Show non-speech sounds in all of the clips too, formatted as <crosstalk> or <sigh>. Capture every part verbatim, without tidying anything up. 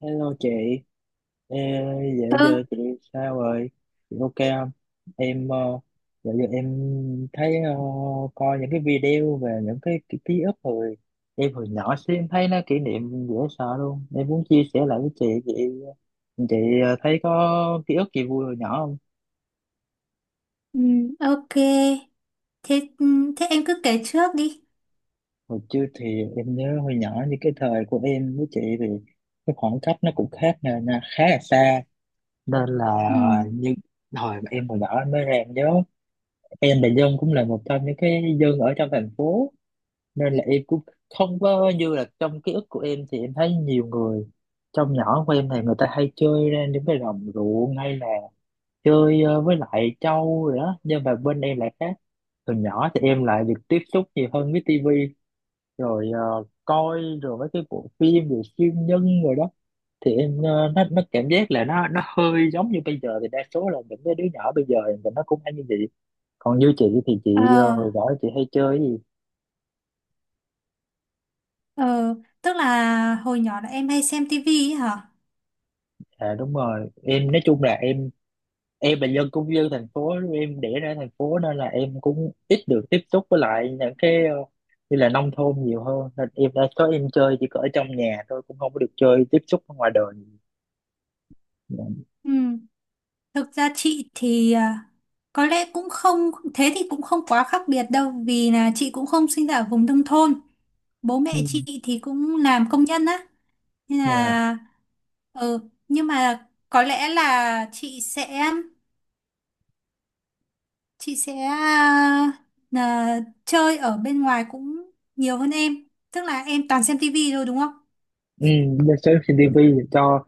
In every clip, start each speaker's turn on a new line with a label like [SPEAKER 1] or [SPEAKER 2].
[SPEAKER 1] Hello chị. Ê, dạo giờ
[SPEAKER 2] Ừ,
[SPEAKER 1] chị sao rồi? Chị ok không? Em ờ, dạo giờ em thấy, ờ, coi những cái video về những cái, cái ký ức hồi em hồi nhỏ xíu, em thấy nó kỷ niệm dễ sợ luôn. Em muốn chia sẻ lại với chị, chị chị ờ, thấy có ký ức gì vui hồi nhỏ không?
[SPEAKER 2] ừ, ok. Thế thế em cứ kể trước đi.
[SPEAKER 1] Hồi trước thì em nhớ hồi nhỏ, như cái thời của em với chị thì cái khoảng cách nó cũng khác nè, nè, khá là xa. Nên là,
[SPEAKER 2] Ừ.
[SPEAKER 1] ờ, như hồi mà em hồi nhỏ em mới em nhớ, em là dân cũng là một trong những cái dân ở trong thành phố, nên là em cũng không có như là trong ký ức của em. Thì em thấy nhiều người trong nhỏ của em thì người ta hay chơi ra những cái đồng ruộng, hay là chơi, ờ, với lại trâu rồi đó. Nhưng mà bên em lại khác, từ nhỏ thì em lại được tiếp xúc nhiều hơn với tivi, rồi ờ, coi rồi mấy cái bộ phim về siêu nhân rồi đó. Thì em, ờ, nó nó cảm giác là nó nó hơi giống như bây giờ, thì đa số là những cái đứa nhỏ bây giờ thì nó cũng hay như vậy. Còn như chị thì chị, ờ,
[SPEAKER 2] Ờ,
[SPEAKER 1] hồi đó chị hay chơi cái gì?
[SPEAKER 2] ờ, tức là hồi nhỏ là em hay xem tivi ấy hả?
[SPEAKER 1] À đúng rồi, em nói chung là em em là dân, cũng dân thành phố, em đẻ ra thành phố nên là em cũng ít được tiếp xúc với lại những cái, ờ, như là nông thôn nhiều hơn, nên em đã có em chơi chỉ có ở trong nhà thôi, cũng không có được chơi tiếp xúc ở ngoài đời.
[SPEAKER 2] Ừ. Thực ra chị thì à, có lẽ cũng không thế thì cũng không quá khác biệt đâu vì là chị cũng không sinh ra ở vùng nông thôn. Bố
[SPEAKER 1] Ừ.
[SPEAKER 2] mẹ chị thì cũng làm công nhân á. Nên
[SPEAKER 1] Dạ.
[SPEAKER 2] là ừ, nhưng mà có lẽ là chị sẽ chị sẽ à, là chơi ở bên ngoài cũng nhiều hơn em. Tức là em toàn xem tivi thôi đúng không?
[SPEAKER 1] Ừ. Giờ xem trên tivi, cho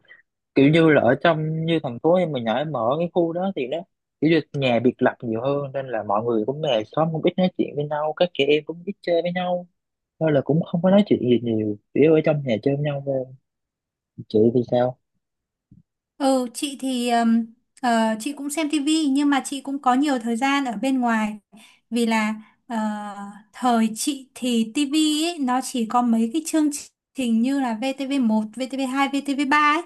[SPEAKER 1] kiểu như là ở trong, như thành phố em mình ở, em ở cái khu đó thì nó kiểu như nhà biệt lập nhiều hơn, nên là mọi người cũng về xóm cũng ít nói chuyện với nhau, các chị em cũng ít chơi với nhau thôi. Là cũng không có nói chuyện gì nhiều, chỉ ở trong nhà chơi với nhau thôi. Chị thì sao?
[SPEAKER 2] Ừ, chị thì ừm, ờ, chị cũng xem tivi nhưng mà chị cũng có nhiều thời gian ở bên ngoài vì là ờ, thời chị thì tivi ấy nó chỉ có mấy cái chương trình như là vê tê vê một, vê tê vê hai, vê tê vê ba ấy.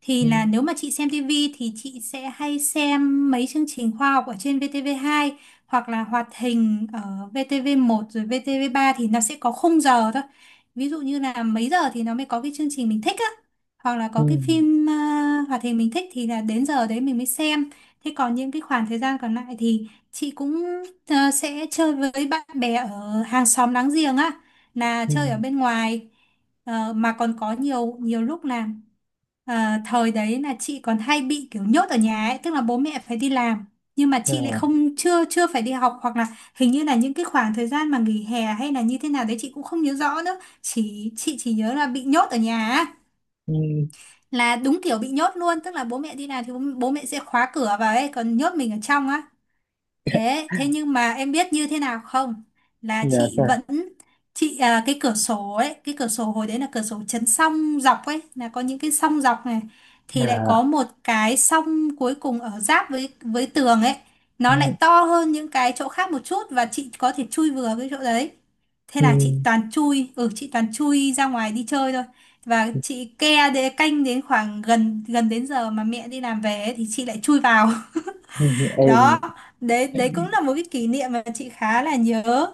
[SPEAKER 2] Thì
[SPEAKER 1] Ừ.
[SPEAKER 2] là nếu mà chị xem tivi thì chị sẽ hay xem mấy chương trình khoa học ở trên vê tê vê hai, hoặc là hoạt hình ở vê tê vê một. Rồi vê tê vê ba thì nó sẽ có khung giờ thôi. Ví dụ như là mấy giờ thì nó mới có cái chương trình mình thích á, hoặc là
[SPEAKER 1] Ừ.
[SPEAKER 2] có cái phim à, hoạt hình mình thích thì là đến giờ đấy mình mới xem. Thế còn những cái khoảng thời gian còn lại thì chị cũng ờ, sẽ chơi với bạn bè ở hàng xóm láng giềng á, là
[SPEAKER 1] Ừ.
[SPEAKER 2] chơi ở bên ngoài. Ờ, mà còn có nhiều nhiều lúc là ờ, thời đấy là chị còn hay bị kiểu nhốt ở nhà ấy, tức là bố mẹ phải đi làm nhưng mà chị lại
[SPEAKER 1] À.
[SPEAKER 2] không chưa chưa phải đi học, hoặc là hình như là những cái khoảng thời gian mà nghỉ hè hay là như thế nào đấy chị cũng không nhớ rõ nữa, chỉ chị chỉ nhớ là bị nhốt ở nhà á.
[SPEAKER 1] Ừ.
[SPEAKER 2] Là đúng kiểu bị nhốt luôn, tức là bố mẹ đi làm thì bố, bố mẹ sẽ khóa cửa vào ấy, còn nhốt mình ở trong á. Thế thế nhưng mà em biết như thế nào không? Là
[SPEAKER 1] Dạ.
[SPEAKER 2] chị
[SPEAKER 1] Dạ.
[SPEAKER 2] vẫn chị à, cái cửa sổ ấy, cái cửa sổ hồi đấy là cửa sổ chấn song dọc ấy, là có những cái song dọc này, thì lại
[SPEAKER 1] Dạ.
[SPEAKER 2] có một cái song cuối cùng ở giáp với với tường ấy,
[SPEAKER 1] Ừ.
[SPEAKER 2] nó lại to hơn những cái chỗ khác một chút và chị có thể chui vừa cái chỗ đấy. Thế
[SPEAKER 1] Ừ.
[SPEAKER 2] là chị toàn chui, ừ, chị toàn chui ra ngoài đi chơi thôi. Và chị ke để canh đến khoảng gần gần đến giờ mà mẹ đi làm về ấy, thì chị lại chui vào. <laughs>
[SPEAKER 1] Ừ. em
[SPEAKER 2] Đó, đấy đấy cũng là một cái kỷ niệm mà chị khá là nhớ.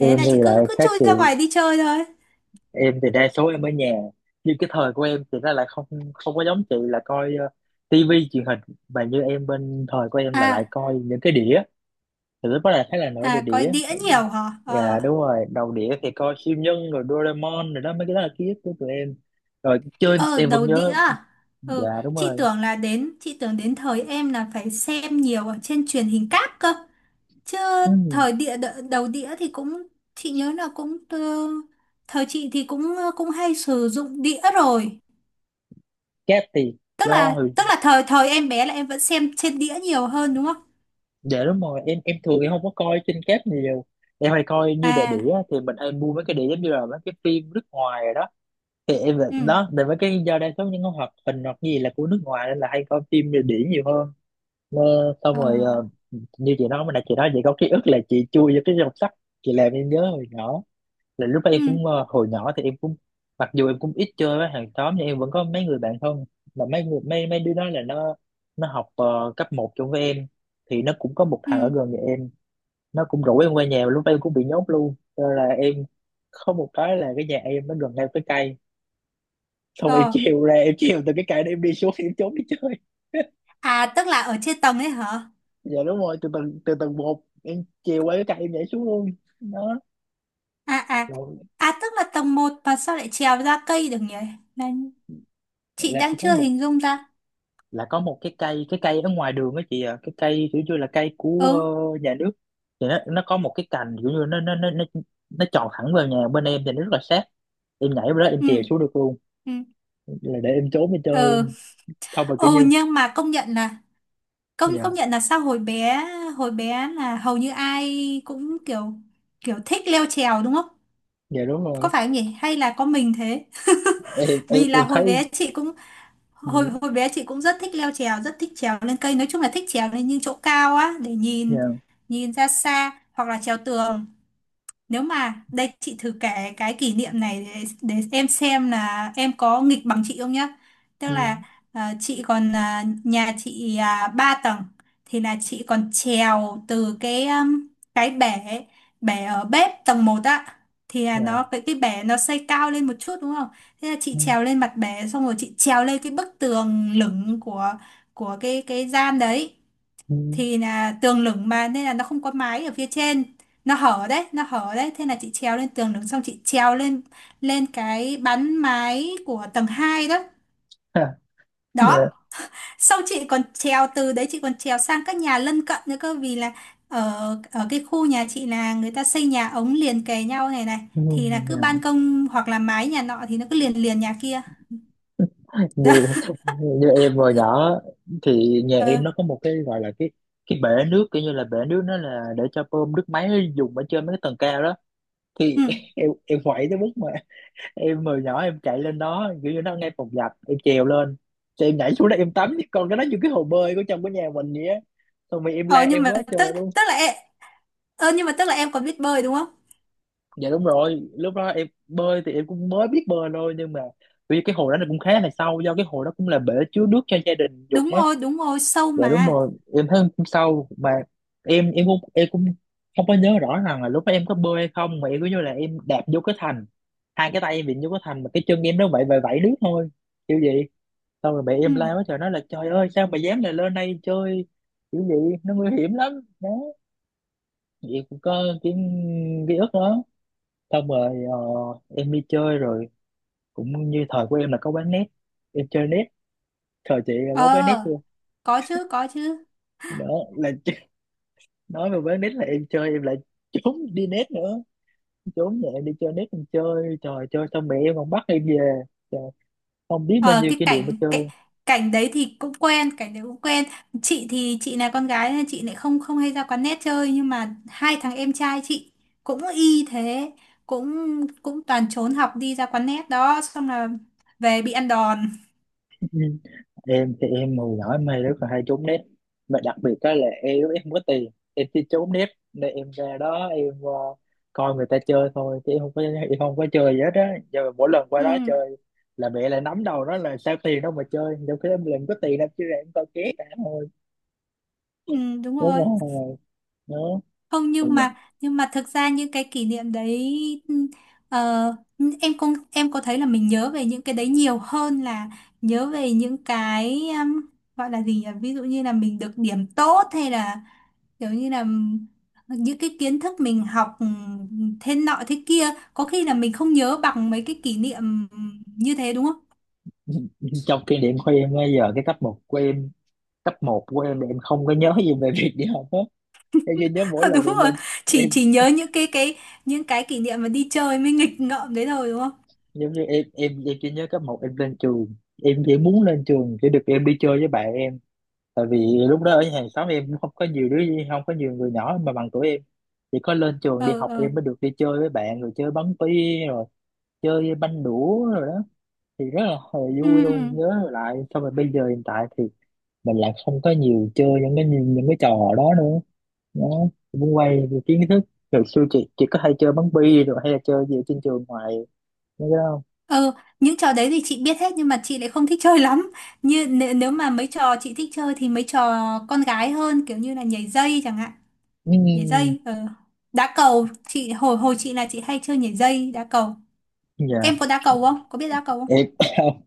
[SPEAKER 1] em
[SPEAKER 2] là
[SPEAKER 1] thì
[SPEAKER 2] chị
[SPEAKER 1] lại
[SPEAKER 2] cứ cứ
[SPEAKER 1] khác
[SPEAKER 2] chui
[SPEAKER 1] chị,
[SPEAKER 2] ra ngoài đi chơi thôi.
[SPEAKER 1] em thì đa số em ở nhà. Nhưng cái thời của em thì nó lại không không có giống chị là coi, uh, tivi truyền hình. Mà như em, bên thời của em là lại
[SPEAKER 2] À,
[SPEAKER 1] coi những cái đĩa, thì lúc đó là khá là nổi về
[SPEAKER 2] à, coi
[SPEAKER 1] đĩa.
[SPEAKER 2] đĩa nhiều hả? Ờ.
[SPEAKER 1] Dạ đúng rồi, đầu đĩa thì coi siêu nhân rồi Doraemon rồi đó, mấy cái đó là ký ức của tụi em. Rồi chơi
[SPEAKER 2] Ờ,
[SPEAKER 1] em vẫn
[SPEAKER 2] đầu đĩa
[SPEAKER 1] nhớ.
[SPEAKER 2] à?
[SPEAKER 1] Dạ
[SPEAKER 2] Ừ,
[SPEAKER 1] đúng
[SPEAKER 2] chị
[SPEAKER 1] rồi.
[SPEAKER 2] tưởng là đến chị tưởng đến thời em là phải xem nhiều ở trên truyền hình cáp cơ chứ.
[SPEAKER 1] Ừ.
[SPEAKER 2] Thời địa đ- đầu đĩa thì cũng chị nhớ là cũng ờ, thời chị thì cũng ờ, cũng hay sử dụng đĩa rồi.
[SPEAKER 1] Cáp thì
[SPEAKER 2] tức
[SPEAKER 1] do
[SPEAKER 2] là
[SPEAKER 1] hồi,
[SPEAKER 2] tức là thời thời em bé là em vẫn xem trên đĩa nhiều hơn đúng không?
[SPEAKER 1] dạ đúng rồi, em em thường em không có coi trên cáp nhiều. Em hay coi như đĩa, đĩa
[SPEAKER 2] À,
[SPEAKER 1] thì mình hay mua mấy cái đĩa giống như là mấy cái phim nước ngoài rồi đó. Thì em là
[SPEAKER 2] ừ,
[SPEAKER 1] đó, để mấy cái, do đa số những cái hoạt hình hoặc gì là của nước ngoài nên là hay coi phim như đĩa nhiều hơn. Ờ, xong
[SPEAKER 2] ờ,
[SPEAKER 1] rồi, ờ, như chị nói mà nãy chị nói chị có ký ức là chị chui vô cái dòng sách, chị làm em nhớ hồi nhỏ, là lúc đó em
[SPEAKER 2] ừ,
[SPEAKER 1] cũng, ờ, hồi nhỏ thì em cũng, mặc dù em cũng ít chơi với hàng xóm nhưng em vẫn có mấy người bạn thân. Mà mấy người, mấy mấy đứa đó là nó nó học, ờ, cấp một chung với em. Thì nó cũng có một
[SPEAKER 2] ừ,
[SPEAKER 1] thằng ở gần nhà em, nó cũng rủ em qua nhà, mà lúc ấy em cũng bị nhốt luôn. Cho nên là em có một cái là cái nhà em nó gần ngay cái cây, xong em
[SPEAKER 2] ờ,
[SPEAKER 1] trèo ra, em trèo từ cái cây đó em đi xuống, em trốn đi chơi. <laughs>
[SPEAKER 2] à, tức là ở trên tầng ấy hả?
[SPEAKER 1] Dạ đúng rồi, từ tầng, từ tầng một em chiều qua cái cây em nhảy xuống luôn. Đó.
[SPEAKER 2] À, à,
[SPEAKER 1] Rồi
[SPEAKER 2] à. Tức là tầng một mà sao lại trèo ra cây được nhỉ? Là chị
[SPEAKER 1] là
[SPEAKER 2] đang
[SPEAKER 1] có
[SPEAKER 2] chưa
[SPEAKER 1] một,
[SPEAKER 2] hình dung ra.
[SPEAKER 1] là có một cái cây, cái cây ở ngoài đường á chị, à cái cây kiểu như là cây của
[SPEAKER 2] Ừ,
[SPEAKER 1] ờ, nhà nước. Thì nó nó có một cái cành kiểu như nó nó nó nó nó tròn thẳng vào nhà bên em thì nó rất là sát, em nhảy vào đó em
[SPEAKER 2] ừ,
[SPEAKER 1] chèo xuống được luôn,
[SPEAKER 2] ừ,
[SPEAKER 1] là để em trốn em chơi
[SPEAKER 2] ừ,
[SPEAKER 1] luôn. Không mà kiểu
[SPEAKER 2] ừ,
[SPEAKER 1] như...
[SPEAKER 2] nhưng mà công nhận là công
[SPEAKER 1] Dạ.
[SPEAKER 2] công nhận là sao hồi bé, hồi bé là hầu như ai cũng kiểu kiểu thích leo trèo đúng không?
[SPEAKER 1] Dạ đúng rồi,
[SPEAKER 2] Có phải không nhỉ hay là có mình thế?
[SPEAKER 1] em
[SPEAKER 2] <laughs>
[SPEAKER 1] em
[SPEAKER 2] Vì là
[SPEAKER 1] em
[SPEAKER 2] hồi
[SPEAKER 1] thấy.
[SPEAKER 2] bé chị cũng
[SPEAKER 1] Ừ.
[SPEAKER 2] hồi hồi bé chị cũng rất thích leo trèo, rất thích trèo lên cây, nói chung là thích trèo lên những chỗ cao á, để
[SPEAKER 1] Dạ.
[SPEAKER 2] nhìn, nhìn ra xa hoặc là trèo tường. Nếu mà đây chị thử kể cái kỷ niệm này để, để em xem là em có nghịch bằng chị không nhá. Tức
[SPEAKER 1] Ừ.
[SPEAKER 2] là à, chị còn à, nhà chị à, ba tầng thì là chị còn trèo từ cái um, cái bể, bể ở bếp tầng một á, thì là nó
[SPEAKER 1] Dạ.
[SPEAKER 2] cái cái bể nó xây cao lên một chút đúng không? Thế là chị
[SPEAKER 1] Ừ.
[SPEAKER 2] trèo lên mặt bể xong rồi chị trèo lên cái bức tường lửng của của cái cái gian đấy.
[SPEAKER 1] Ừ.
[SPEAKER 2] Thì là tường lửng mà nên là nó không có mái ở phía trên, nó hở đấy nó hở đấy. Thế là chị trèo lên tường lửng xong chị trèo lên lên cái bắn mái của tầng hai đó.
[SPEAKER 1] Ha.
[SPEAKER 2] Đó,
[SPEAKER 1] Dạ.
[SPEAKER 2] sau chị còn trèo từ đấy chị còn trèo sang các nhà lân cận nữa cơ. Vì là ở ở cái khu nhà chị là người ta xây nhà ống liền kề nhau này này,
[SPEAKER 1] Ừ.
[SPEAKER 2] thì là cứ
[SPEAKER 1] Dạ.
[SPEAKER 2] ban công hoặc là mái nhà nọ thì nó cứ liền liền nhà kia. Đó.
[SPEAKER 1] Như, như em hồi nhỏ thì nhà
[SPEAKER 2] <laughs>
[SPEAKER 1] em
[SPEAKER 2] Ừ,
[SPEAKER 1] nó có một cái gọi là cái cái bể nước, kiểu như là bể nước nó là để cho bơm nước máy dùng ở trên mấy cái tầng cao đó.
[SPEAKER 2] ừ,
[SPEAKER 1] Thì <laughs> em em quậy tới mức mà em hồi nhỏ em chạy lên đó, kiểu như nó ngay phòng giặt em trèo lên, thì em nhảy xuống đó em tắm, còn cái đó như cái hồ bơi của trong cái nhà mình vậy á. Xong rồi em la
[SPEAKER 2] ờ nhưng
[SPEAKER 1] em
[SPEAKER 2] mà
[SPEAKER 1] quá trời
[SPEAKER 2] tức
[SPEAKER 1] luôn.
[SPEAKER 2] tức là em, ờ nhưng mà tức là em còn biết bơi đúng không?
[SPEAKER 1] Dạ đúng rồi, lúc đó em bơi thì em cũng mới biết bơi thôi, nhưng mà vì cái hồ đó nó cũng khá là sâu, do cái hồ đó cũng là bể chứa nước cho gia đình dùng
[SPEAKER 2] Đúng
[SPEAKER 1] á.
[SPEAKER 2] rồi, đúng rồi, sâu
[SPEAKER 1] Dạ đúng
[SPEAKER 2] mà.
[SPEAKER 1] rồi, em thấy hôm sau mà, em em cũng em cũng không có nhớ rõ rằng là lúc đó em có bơi hay không, mà em cứ như là em đạp vô cái thành, hai cái tay em bị vô cái thành mà cái chân em nó vậy vậy vẫy đứt thôi, kiểu vậy. Xong rồi mẹ
[SPEAKER 2] Ừ.
[SPEAKER 1] em la quá trời, nói là trời ơi sao mà dám lại lên đây chơi, kiểu vậy, nó nguy hiểm lắm. Đó. Thì em cũng có cái ký ức đó. Xong rồi ờ, em đi chơi rồi, cũng như thời của em là có quán net, em chơi net. Thời chị là có quán net
[SPEAKER 2] Ờ,
[SPEAKER 1] chưa?
[SPEAKER 2] có chứ, có chứ.
[SPEAKER 1] Đó, là nói về bán nét, là em chơi em lại trốn đi nét nữa, trốn nhẹ đi chơi nét, em chơi trời chơi, xong mẹ em còn bắt em về. Trời, không biết bao
[SPEAKER 2] Ờ,
[SPEAKER 1] nhiêu
[SPEAKER 2] cái
[SPEAKER 1] kỷ niệm để
[SPEAKER 2] cảnh
[SPEAKER 1] chơi.
[SPEAKER 2] cái, cảnh đấy thì cũng quen, cảnh đấy cũng quen. Chị thì chị là con gái nên chị lại không không hay ra quán net chơi nhưng mà hai thằng em trai chị cũng y thế, cũng cũng toàn trốn học đi ra quán net đó xong là về bị ăn đòn. <laughs>
[SPEAKER 1] Ừ. Em thì em hồi nhỏ em hay rất là hay trốn nét, mà đặc biệt đó là em em không có tiền, em chỉ trốn nét nên em ra đó em, ờ, coi người ta chơi thôi chứ em không có em không có chơi gì hết á. Giờ mỗi lần qua
[SPEAKER 2] Ừ,
[SPEAKER 1] đó chơi là mẹ lại nắm đầu nó, là sao tiền đâu mà chơi trong khi em làm có tiền đâu, chứ ra em coi ké cả thôi.
[SPEAKER 2] ừ đúng
[SPEAKER 1] Đúng
[SPEAKER 2] rồi.
[SPEAKER 1] rồi. Đó.
[SPEAKER 2] Không nhưng mà nhưng mà thực ra những cái kỷ niệm đấy, ờ, em không em có thấy là mình nhớ về những cái đấy nhiều hơn là nhớ về những cái um, gọi là gì nhỉ, ví dụ như là mình được điểm tốt hay là kiểu như là những cái kiến thức mình học ừm, thế nọ thế kia, có khi là mình không nhớ bằng mấy cái kỷ niệm như thế đúng không?
[SPEAKER 1] <laughs> Trong kinh điển của em bây giờ cái cấp một của em, cấp một của em là em không có nhớ gì về việc đi học hết, em chỉ nhớ mỗi
[SPEAKER 2] <laughs>
[SPEAKER 1] lần
[SPEAKER 2] Đúng
[SPEAKER 1] em
[SPEAKER 2] rồi,
[SPEAKER 1] lên,
[SPEAKER 2] chỉ
[SPEAKER 1] em
[SPEAKER 2] chỉ nhớ những cái cái những cái kỷ niệm mà đi chơi mới nghịch ngợm đấy thôi đúng không?
[SPEAKER 1] giống như em em em chỉ nhớ cấp một em lên trường, em chỉ muốn lên trường để được em đi chơi với bạn em. Tại vì lúc đó ở hàng xóm em cũng không có nhiều đứa, không có nhiều người nhỏ mà bằng tuổi em, chỉ có lên trường đi
[SPEAKER 2] Ờ,
[SPEAKER 1] học
[SPEAKER 2] ờ,
[SPEAKER 1] em mới được đi chơi với bạn, rồi chơi bắn bi, rồi chơi banh đũa rồi đó. Thì rất là hồi
[SPEAKER 2] ừ.
[SPEAKER 1] vui luôn nhớ lại. Xong rồi bây giờ hiện tại thì mình lại không có nhiều chơi những cái, những, những cái trò đó nữa, nó cũng quay về kiến thức. Rồi xưa chị chị có hay chơi bắn bi, rồi hay là chơi gì ở trên trường ngoài mấy cái đó không?
[SPEAKER 2] Ừ, những trò đấy thì chị biết hết nhưng mà chị lại không thích chơi <laughs> lắm. Như nếu, nếu mà mấy trò chị thích chơi thì mấy trò con gái hơn kiểu như là nhảy dây chẳng hạn. Nhảy
[SPEAKER 1] Ừm.
[SPEAKER 2] dây, ờ. Đá cầu, chị hồi hồi chị là chị hay chơi nhảy dây, đá cầu.
[SPEAKER 1] Dạ.
[SPEAKER 2] Em có đá cầu không? Có biết đá cầu không?
[SPEAKER 1] Em <laughs> không,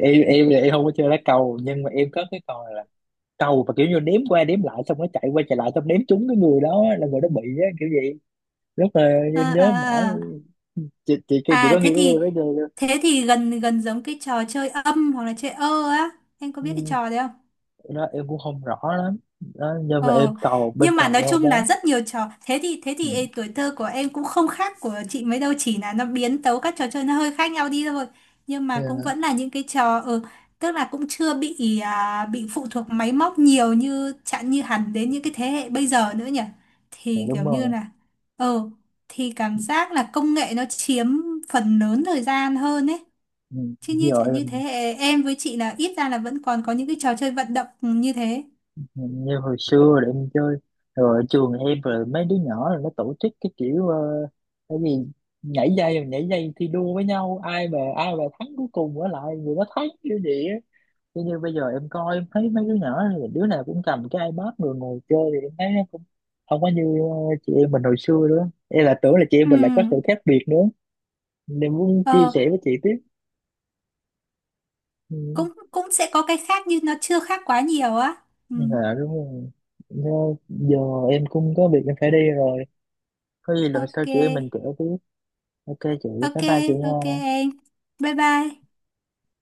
[SPEAKER 1] em em thì em không có chơi lá cầu, nhưng mà em có cái trò là cầu mà kiểu như đếm qua đếm lại, xong nó chạy qua chạy lại, xong đếm trúng cái người đó là người đó bị á, kiểu vậy, rất là
[SPEAKER 2] À,
[SPEAKER 1] em nhớ mãi.
[SPEAKER 2] à, à. À,
[SPEAKER 1] Chị chị chị
[SPEAKER 2] À,
[SPEAKER 1] có nghĩ
[SPEAKER 2] thế
[SPEAKER 1] cái game
[SPEAKER 2] thì
[SPEAKER 1] đó chưa?
[SPEAKER 2] thế thì gần gần giống cái trò chơi âm hoặc là chơi ơ á. Em có biết cái
[SPEAKER 1] Ừm.
[SPEAKER 2] trò đấy không?
[SPEAKER 1] Đó em cũng không rõ lắm đó, nhưng mà em
[SPEAKER 2] Ờ,
[SPEAKER 1] cầu bên
[SPEAKER 2] nhưng mà
[SPEAKER 1] cầu
[SPEAKER 2] nói
[SPEAKER 1] em không
[SPEAKER 2] chung là
[SPEAKER 1] bán.
[SPEAKER 2] rất nhiều trò thế thì thế thì ê, tuổi thơ của em cũng không khác của chị mấy đâu, chỉ là nó biến tấu các trò chơi nó hơi khác nhau đi thôi, nhưng mà cũng
[SPEAKER 1] Ừ.
[SPEAKER 2] vẫn là những cái trò ờ, tức là cũng chưa bị à, bị phụ thuộc máy móc nhiều như chẳng như hẳn đến những cái thế hệ bây giờ nữa nhỉ,
[SPEAKER 1] Dạ
[SPEAKER 2] thì kiểu
[SPEAKER 1] đúng
[SPEAKER 2] như
[SPEAKER 1] rồi.
[SPEAKER 2] là ờ, thì cảm giác là công nghệ nó chiếm phần lớn thời gian hơn ấy.
[SPEAKER 1] Ừ.
[SPEAKER 2] Chứ như
[SPEAKER 1] Giờ
[SPEAKER 2] chẳng như thế
[SPEAKER 1] em,
[SPEAKER 2] hệ em với chị là ít ra là vẫn còn có những cái trò chơi vận động như thế.
[SPEAKER 1] như hồi xưa là em chơi rồi ở trường em, rồi mấy đứa nhỏ là nó tổ chức cái kiểu, ờ, cái gì, nhảy dây, nhảy dây thi đua với nhau, ai mà ai mà thắng cuối cùng ở lại người đó thắng kiểu gì á. Thế như bây giờ em coi em thấy mấy đứa nhỏ thì đứa nào cũng cầm cái iPad rồi ngồi chơi, thì em thấy nó cũng không có như, ờ, chị em mình hồi xưa nữa, em là tưởng là chị em mình lại có sự khác biệt nữa, nên muốn
[SPEAKER 2] Ừ,
[SPEAKER 1] chia sẻ với chị tiếp. Ừ.
[SPEAKER 2] cũng cũng sẽ có cái khác nhưng nó chưa khác quá nhiều á. Ừ.
[SPEAKER 1] Dạ đúng rồi. Nó- giờ em cũng có việc em phải đi rồi, có gì lần
[SPEAKER 2] Ok,
[SPEAKER 1] sau chị em mình kể tiếp. Ok chị,
[SPEAKER 2] ok,
[SPEAKER 1] bye bye chị nha.
[SPEAKER 2] ok em, bye bye.